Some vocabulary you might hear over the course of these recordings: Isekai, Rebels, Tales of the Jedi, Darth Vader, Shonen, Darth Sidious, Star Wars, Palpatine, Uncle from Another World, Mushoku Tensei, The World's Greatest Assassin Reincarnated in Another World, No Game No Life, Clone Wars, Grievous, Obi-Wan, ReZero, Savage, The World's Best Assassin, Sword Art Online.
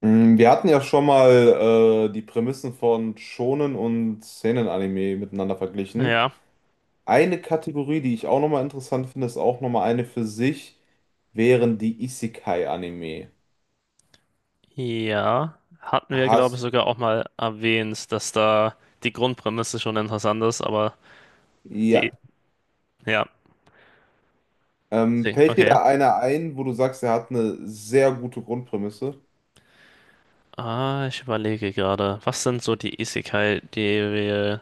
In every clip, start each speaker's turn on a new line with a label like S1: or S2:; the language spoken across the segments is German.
S1: Wir hatten ja schon mal die Prämissen von Shonen und Seinen-Anime miteinander verglichen.
S2: Ja,
S1: Eine Kategorie, die ich auch nochmal interessant finde, ist auch nochmal eine für sich, wären die Isekai-Anime.
S2: ja. Hatten wir, glaube ich,
S1: Hast,
S2: sogar auch mal erwähnt, dass da die Grundprämisse schon interessant ist, aber die,
S1: ja.
S2: ja,
S1: Fällt dir
S2: okay.
S1: da einer ein, wo du sagst, er hat eine sehr gute Grundprämisse?
S2: Ich überlege gerade, was sind so die Isekai, die wir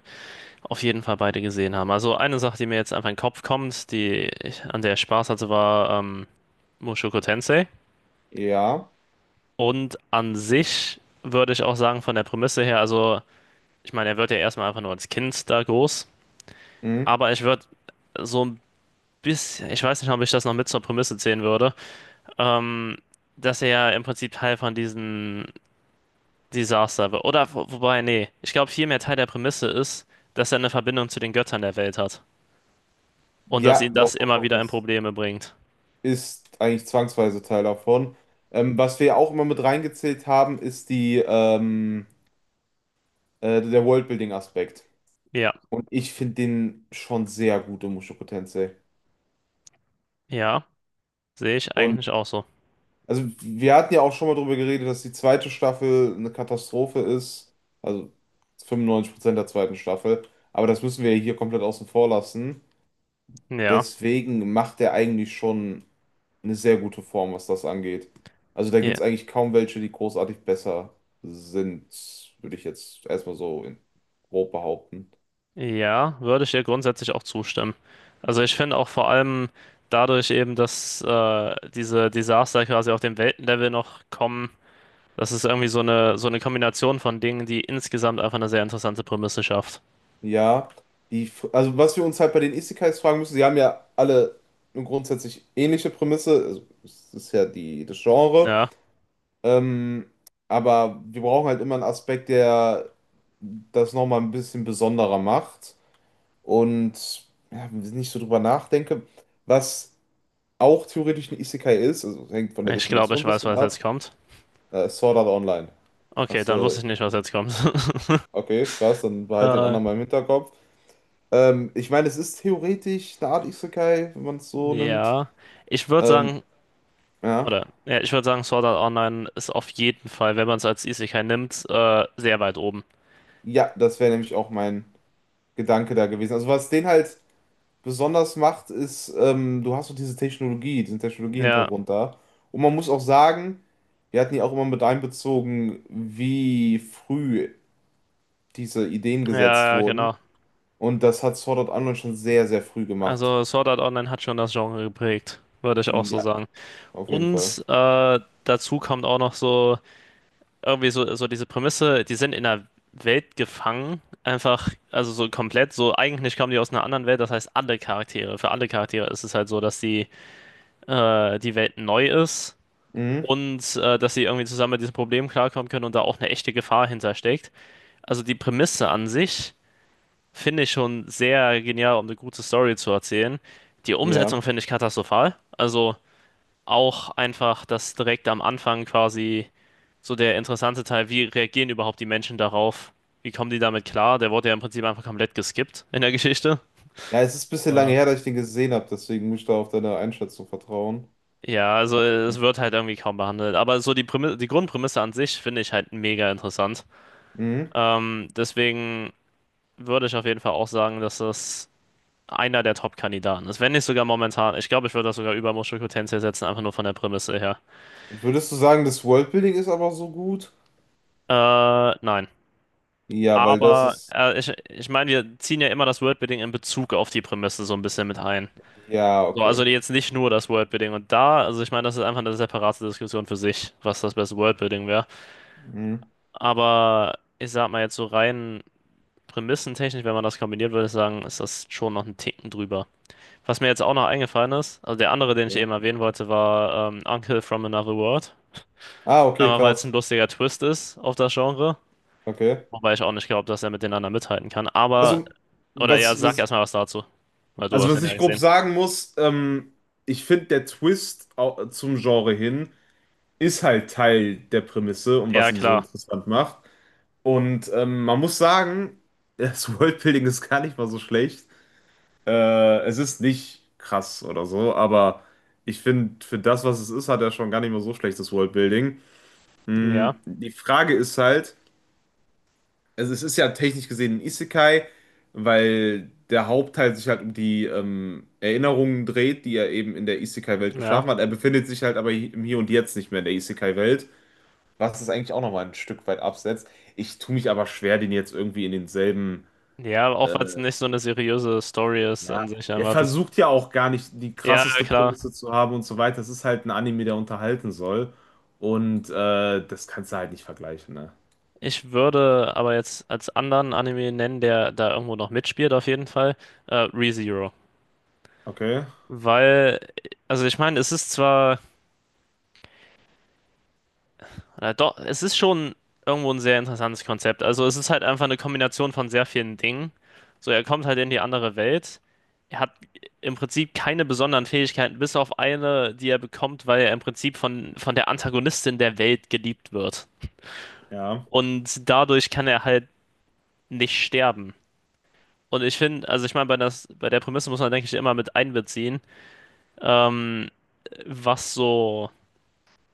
S2: auf jeden Fall beide gesehen haben? Also eine Sache, die mir jetzt einfach in den Kopf kommt, an der ich Spaß hatte, war Mushoku Tensei.
S1: Ja.
S2: Und an sich würde ich auch sagen, von der Prämisse her, also ich meine, er wird ja erstmal einfach nur als Kind da groß,
S1: Mhm.
S2: aber ich würde so ein ich weiß nicht, ob ich das noch mit zur Prämisse zählen würde, ähm, dass er ja im Prinzip Teil von diesem Desaster wird. Oder, wobei, nee, ich glaube, vielmehr Teil der Prämisse ist, dass er eine Verbindung zu den Göttern der Welt hat. Und dass
S1: Ja,
S2: ihn
S1: doch,
S2: das
S1: doch,
S2: immer
S1: doch,
S2: wieder in
S1: das
S2: Probleme bringt.
S1: ist eigentlich zwangsweise Teil davon. Was wir auch immer mit reingezählt haben, ist der Worldbuilding-Aspekt.
S2: Ja,
S1: Und ich finde den schon sehr gut in Mushoku Tensei.
S2: ja, sehe ich
S1: Und
S2: eigentlich auch so.
S1: also wir hatten ja auch schon mal darüber geredet, dass die zweite Staffel eine Katastrophe ist. Also 95% der zweiten Staffel. Aber das müssen wir ja hier komplett außen vor lassen.
S2: Ja,
S1: Deswegen macht er eigentlich schon eine sehr gute Form, was das angeht. Also da
S2: ja,
S1: gibt es eigentlich kaum welche, die großartig besser sind, würde ich jetzt erstmal so in grob behaupten.
S2: ja, würde ich dir grundsätzlich auch zustimmen. Also ich finde auch vor allem dadurch eben, dass diese Desaster quasi auf dem Weltenlevel noch kommen. Das ist irgendwie so eine Kombination von Dingen, die insgesamt einfach eine sehr interessante Prämisse schafft.
S1: Ja, also was wir uns halt bei den Isekais fragen müssen, sie haben ja alle eine grundsätzlich ähnliche Prämisse, also es ist ja die, das Genre,
S2: Ja,
S1: ähm, aber wir brauchen halt immer einen Aspekt, der das nochmal ein bisschen besonderer macht und ja, wenn ich nicht so drüber nachdenke, was auch theoretisch ein Isekai ist, also hängt von der
S2: ich glaube,
S1: Definition
S2: ich
S1: ein
S2: weiß,
S1: bisschen
S2: was jetzt
S1: ab,
S2: kommt.
S1: Sword Art Online.
S2: Okay,
S1: Hast
S2: dann wusste
S1: du,
S2: ich nicht, was jetzt kommt.
S1: okay, krass, dann behalt den
S2: äh,
S1: anderen mal im Hinterkopf. Ich meine, es ist theoretisch eine Art Isekai, wenn man es so nimmt.
S2: ja, ich würde
S1: Ähm,
S2: sagen,
S1: ja.
S2: ja, ich würde sagen, Sword Art Online ist auf jeden Fall, wenn man es als Isekai nimmt, sehr weit oben.
S1: Ja, das wäre nämlich auch mein Gedanke da gewesen. Also was den halt besonders macht, ist, du hast so diese Technologie, diesen
S2: Ja,
S1: Technologiehintergrund da. Und man muss auch sagen, wir hatten ja auch immer mit einbezogen, wie früh diese Ideen gesetzt
S2: ja, ja,
S1: wurden.
S2: genau.
S1: Und das hat Sword Art Online schon sehr, sehr früh gemacht.
S2: Also Sword Art Online hat schon das Genre geprägt, würde ich auch so
S1: Ja,
S2: sagen.
S1: auf jeden Fall.
S2: Und dazu kommt auch noch so diese Prämisse, die sind in einer Welt gefangen, einfach, also so komplett, so eigentlich kommen die aus einer anderen Welt, das heißt alle Charaktere, für alle Charaktere ist es halt so, die Welt neu ist
S1: Mhm.
S2: und dass sie irgendwie zusammen mit diesem Problem klarkommen können und da auch eine echte Gefahr hintersteckt. Also die Prämisse an sich finde ich schon sehr genial, um eine gute Story zu erzählen. Die Umsetzung
S1: Ja.
S2: finde ich katastrophal, also auch einfach, dass direkt am Anfang quasi so der interessante Teil, wie reagieren überhaupt die Menschen darauf? Wie kommen die damit klar? Der wurde ja im Prinzip einfach komplett geskippt in der Geschichte.
S1: Ja, es ist ein bisschen lange her, dass ich den gesehen habe, deswegen muss ich da auf deine Einschätzung vertrauen.
S2: Ja, also es wird halt irgendwie kaum behandelt. Aber so die Prämisse, die Grundprämisse an sich finde ich halt mega interessant.
S1: Mhm.
S2: Deswegen würde ich auf jeden Fall auch sagen, dass das einer der Top-Kandidaten ist. Wenn nicht sogar momentan. Ich glaube, ich würde das sogar über Mushoku Tensei setzen, einfach nur von der Prämisse her.
S1: Würdest du sagen, das Worldbuilding ist aber so gut?
S2: Nein.
S1: Ja, weil das
S2: Aber
S1: ist.
S2: ich meine, wir ziehen ja immer das Worldbuilding in Bezug auf die Prämisse so ein bisschen mit ein.
S1: Ja,
S2: So, also
S1: okay.
S2: jetzt nicht nur das Worldbuilding. Und da, also ich meine, das ist einfach eine separate Diskussion für sich, was das beste Worldbuilding wäre.
S1: Mhm.
S2: Aber ich sag mal jetzt so rein prämissentechnisch, wenn man das kombiniert, würde ich sagen, ist das schon noch einen Ticken drüber. Was mir jetzt auch noch eingefallen ist, also der andere, den ich
S1: Ja.
S2: eben erwähnen wollte, war Uncle from Another World.
S1: Ah, okay,
S2: Einmal, weil es ein
S1: krass.
S2: lustiger Twist ist auf das Genre.
S1: Okay.
S2: Wobei ich auch nicht glaube, dass er mit den anderen mithalten kann. Aber,
S1: Also,
S2: oder ja,
S1: was,
S2: sag
S1: was,
S2: erstmal was dazu. Weil du
S1: also
S2: hast
S1: was
S2: ihn ja
S1: ich grob
S2: gesehen.
S1: sagen muss, ich finde, zum Genre hin ist halt Teil der Prämisse und was
S2: Ja,
S1: ihn so
S2: klar.
S1: interessant macht. Und man muss sagen, das Worldbuilding ist gar nicht mal so schlecht. Es ist nicht krass oder so, aber ich finde, für das, was es ist, hat er schon gar nicht mal so schlechtes Worldbuilding.
S2: Ja,
S1: Hm, die Frage ist halt, also es ist ja technisch gesehen ein Isekai, weil der Hauptteil sich halt um die Erinnerungen dreht, die er eben in der Isekai-Welt
S2: ja.
S1: geschaffen hat. Er befindet sich halt aber im Hier und Jetzt nicht mehr in der Isekai-Welt, was es eigentlich auch nochmal ein Stück weit absetzt. Ich tue mich aber schwer, den jetzt irgendwie in denselben
S2: Ja, auch
S1: äh,
S2: weil es nicht so eine seriöse Story ist
S1: ja,
S2: an sich
S1: der
S2: einfach das.
S1: versucht ja auch gar nicht die
S2: Ja,
S1: krasseste
S2: klar.
S1: Prämisse zu haben und so weiter. Es ist halt ein Anime, der unterhalten soll. Und das kannst du halt nicht vergleichen, ne?
S2: Ich würde aber jetzt als anderen Anime nennen, der da irgendwo noch mitspielt, auf jeden Fall, ReZero.
S1: Okay,
S2: Weil, also ich meine, doch, es ist schon irgendwo ein sehr interessantes Konzept. Also es ist halt einfach eine Kombination von sehr vielen Dingen. So, er kommt halt in die andere Welt. Er hat im Prinzip keine besonderen Fähigkeiten, bis auf eine, die er bekommt, weil er im Prinzip von der Antagonistin der Welt geliebt wird.
S1: ja.
S2: Und dadurch kann er halt nicht sterben. Und ich finde, also ich meine, bei der Prämisse muss man, denke ich, immer mit einbeziehen, ähm, was so,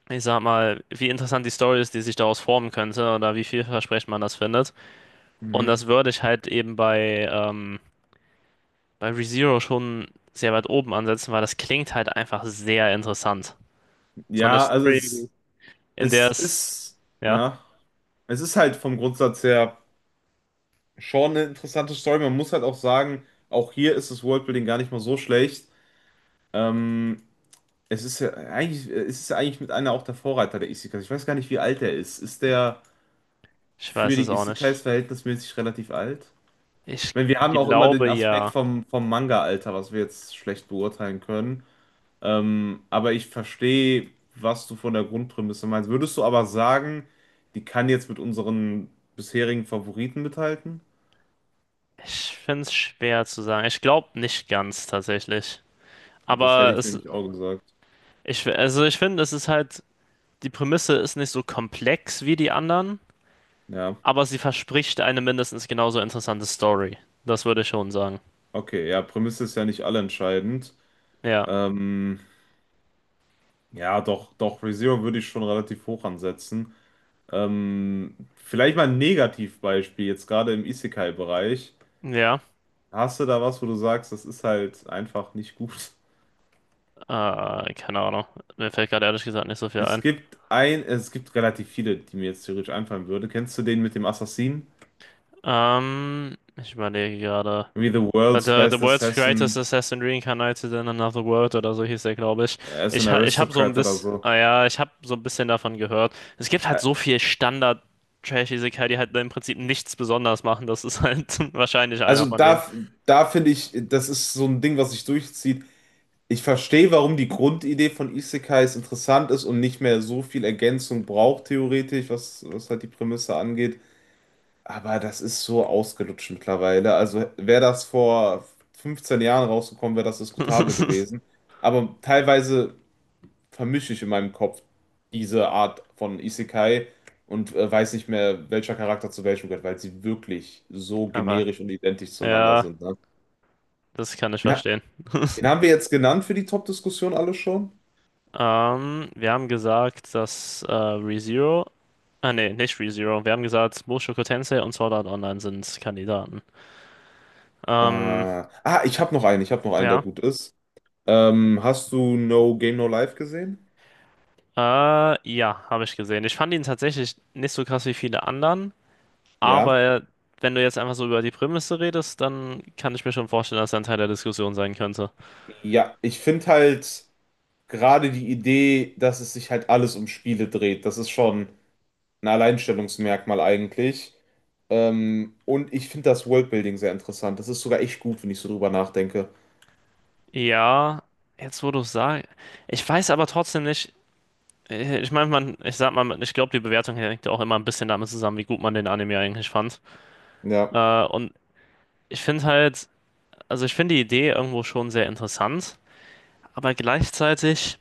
S2: ich sag mal, wie interessant die Story ist, die sich daraus formen könnte oder wie vielversprechend man das findet. Und
S1: Mhm.
S2: das würde ich halt eben bei ReZero schon sehr weit oben ansetzen, weil das klingt halt einfach sehr interessant. So eine
S1: Ja,
S2: Story, in
S1: es
S2: der es,
S1: ist,
S2: ja,
S1: ja, es ist halt vom Grundsatz her schon eine interessante Story. Man muss halt auch sagen, auch hier ist das Worldbuilding gar nicht mal so schlecht. Ähm, es ist ja eigentlich mit einer auch der Vorreiter der Isekais. Ich weiß gar nicht, wie alt er ist. Ist der.
S2: ich
S1: Für
S2: weiß es
S1: die
S2: auch
S1: Isekais
S2: nicht.
S1: verhältnismäßig relativ alt.
S2: Ich
S1: Wenn wir haben auch immer
S2: glaube
S1: den Aspekt
S2: ja.
S1: vom Manga-Alter, was wir jetzt schlecht beurteilen können. Aber ich verstehe, was du von der Grundprämisse meinst. Würdest du aber sagen, die kann jetzt mit unseren bisherigen Favoriten mithalten?
S2: Ich finde es schwer zu sagen. Ich glaube nicht ganz tatsächlich.
S1: Nee, das hätte
S2: Aber
S1: ich
S2: es,
S1: nämlich auch gesagt.
S2: also ich finde, es ist halt, die Prämisse ist nicht so komplex wie die anderen,
S1: Ja,
S2: aber sie verspricht eine mindestens genauso interessante Story. Das würde ich schon sagen.
S1: okay, ja, Prämisse ist ja nicht allentscheidend.
S2: Ja,
S1: Ähm, ja, doch, doch, ReZero würde ich schon relativ hoch ansetzen. Vielleicht mal ein Negativbeispiel, jetzt gerade im Isekai-Bereich.
S2: ja.
S1: Hast du da was, wo du sagst, das ist halt einfach nicht gut?
S2: Keine Ahnung. Mir fällt gerade ehrlich gesagt nicht so viel ein.
S1: Es gibt relativ viele, die mir jetzt theoretisch einfallen würde. Kennst du den mit dem Assassinen?
S2: Ich überlege gerade.
S1: Wie The World's
S2: The
S1: Best
S2: World's Greatest
S1: Assassin,
S2: Assassin Reincarnated in Another World oder so hieß der, glaube ich.
S1: er ist ein
S2: Ich habe so ein
S1: Aristocrat oder
S2: bisschen,
S1: so.
S2: ah ja, ich habe so ein bisschen davon gehört. Es gibt halt
S1: Ä-
S2: so viel Standard-Trash-Isekai, die halt im Prinzip nichts besonders machen. Das ist halt wahrscheinlich einer
S1: Also
S2: von denen.
S1: da, da finde ich, das ist so ein Ding, was sich durchzieht. Ich verstehe, warum die Grundidee von Isekais interessant ist und nicht mehr so viel Ergänzung braucht, theoretisch, was halt die Prämisse angeht. Aber das ist so ausgelutscht mittlerweile. Also wäre das vor 15 Jahren rausgekommen, wäre das diskutabel gewesen. Aber teilweise vermische ich in meinem Kopf diese Art von Isekai und weiß nicht mehr, welcher Charakter zu welchem gehört, weil sie wirklich so
S2: Aber
S1: generisch und identisch zueinander
S2: ja,
S1: sind. Ne?
S2: das kann ich
S1: Den, ha-
S2: verstehen.
S1: den haben wir jetzt genannt für die Top-Diskussion alle schon.
S2: Wir haben gesagt, ah nee, nicht ReZero. Wir haben gesagt, Mushoku Tensei und Sword Art Online sind Kandidaten. Ähm,
S1: Ah, ich habe noch einen, der
S2: ja.
S1: gut ist. Hast du No Game No Life gesehen?
S2: Äh, ja, habe ich gesehen. Ich fand ihn tatsächlich nicht so krass wie viele anderen, aber
S1: Ja.
S2: wenn du jetzt einfach so über die Prämisse redest, dann kann ich mir schon vorstellen, dass er ein Teil der Diskussion sein könnte.
S1: Ja, ich finde halt gerade die Idee, dass es sich halt alles um Spiele dreht, das ist schon ein Alleinstellungsmerkmal eigentlich. Und ich finde das Worldbuilding sehr interessant. Das ist sogar echt gut, wenn ich so drüber nachdenke.
S2: Ja, jetzt wo du es sagst, ich weiß aber trotzdem nicht. Ich meine, man, ich sag mal, ich glaube, die Bewertung hängt ja auch immer ein bisschen damit zusammen, wie gut man den Anime eigentlich fand.
S1: Ja.
S2: Und ich finde halt, also ich finde die Idee irgendwo schon sehr interessant, aber gleichzeitig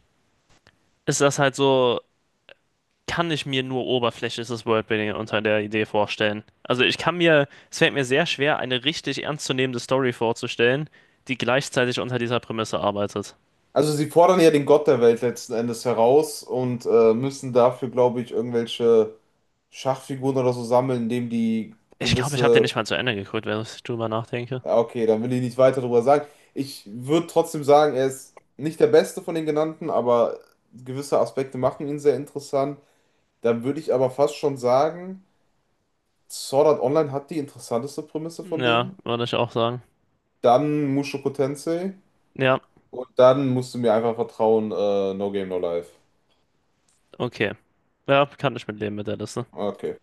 S2: ist das halt so. Kann ich mir nur oberflächliches Worldbuilding unter der Idee vorstellen. Also es fällt mir sehr schwer, eine richtig ernstzunehmende Story vorzustellen, die gleichzeitig unter dieser Prämisse arbeitet.
S1: Also sie fordern ja den Gott der Welt letzten Endes heraus und müssen dafür, glaube ich, irgendwelche Schachfiguren oder so sammeln, indem die
S2: Ich glaube, ich habe den
S1: gewisse...
S2: nicht mal zu Ende geguckt, wenn ich drüber nachdenke.
S1: Ja, okay, dann will ich nicht weiter drüber sagen. Ich würde trotzdem sagen, er ist nicht der Beste von den genannten, aber gewisse Aspekte machen ihn sehr interessant. Dann würde ich aber fast schon sagen, Sword Art Online hat die interessanteste Prämisse von
S2: Ja,
S1: denen.
S2: würde ich auch sagen.
S1: Dann Mushoku Tensei.
S2: Ja,
S1: Und dann musst du mir einfach vertrauen, No Game, No Life.
S2: okay. Ja, kann ich mitleben mit der Liste.
S1: Okay.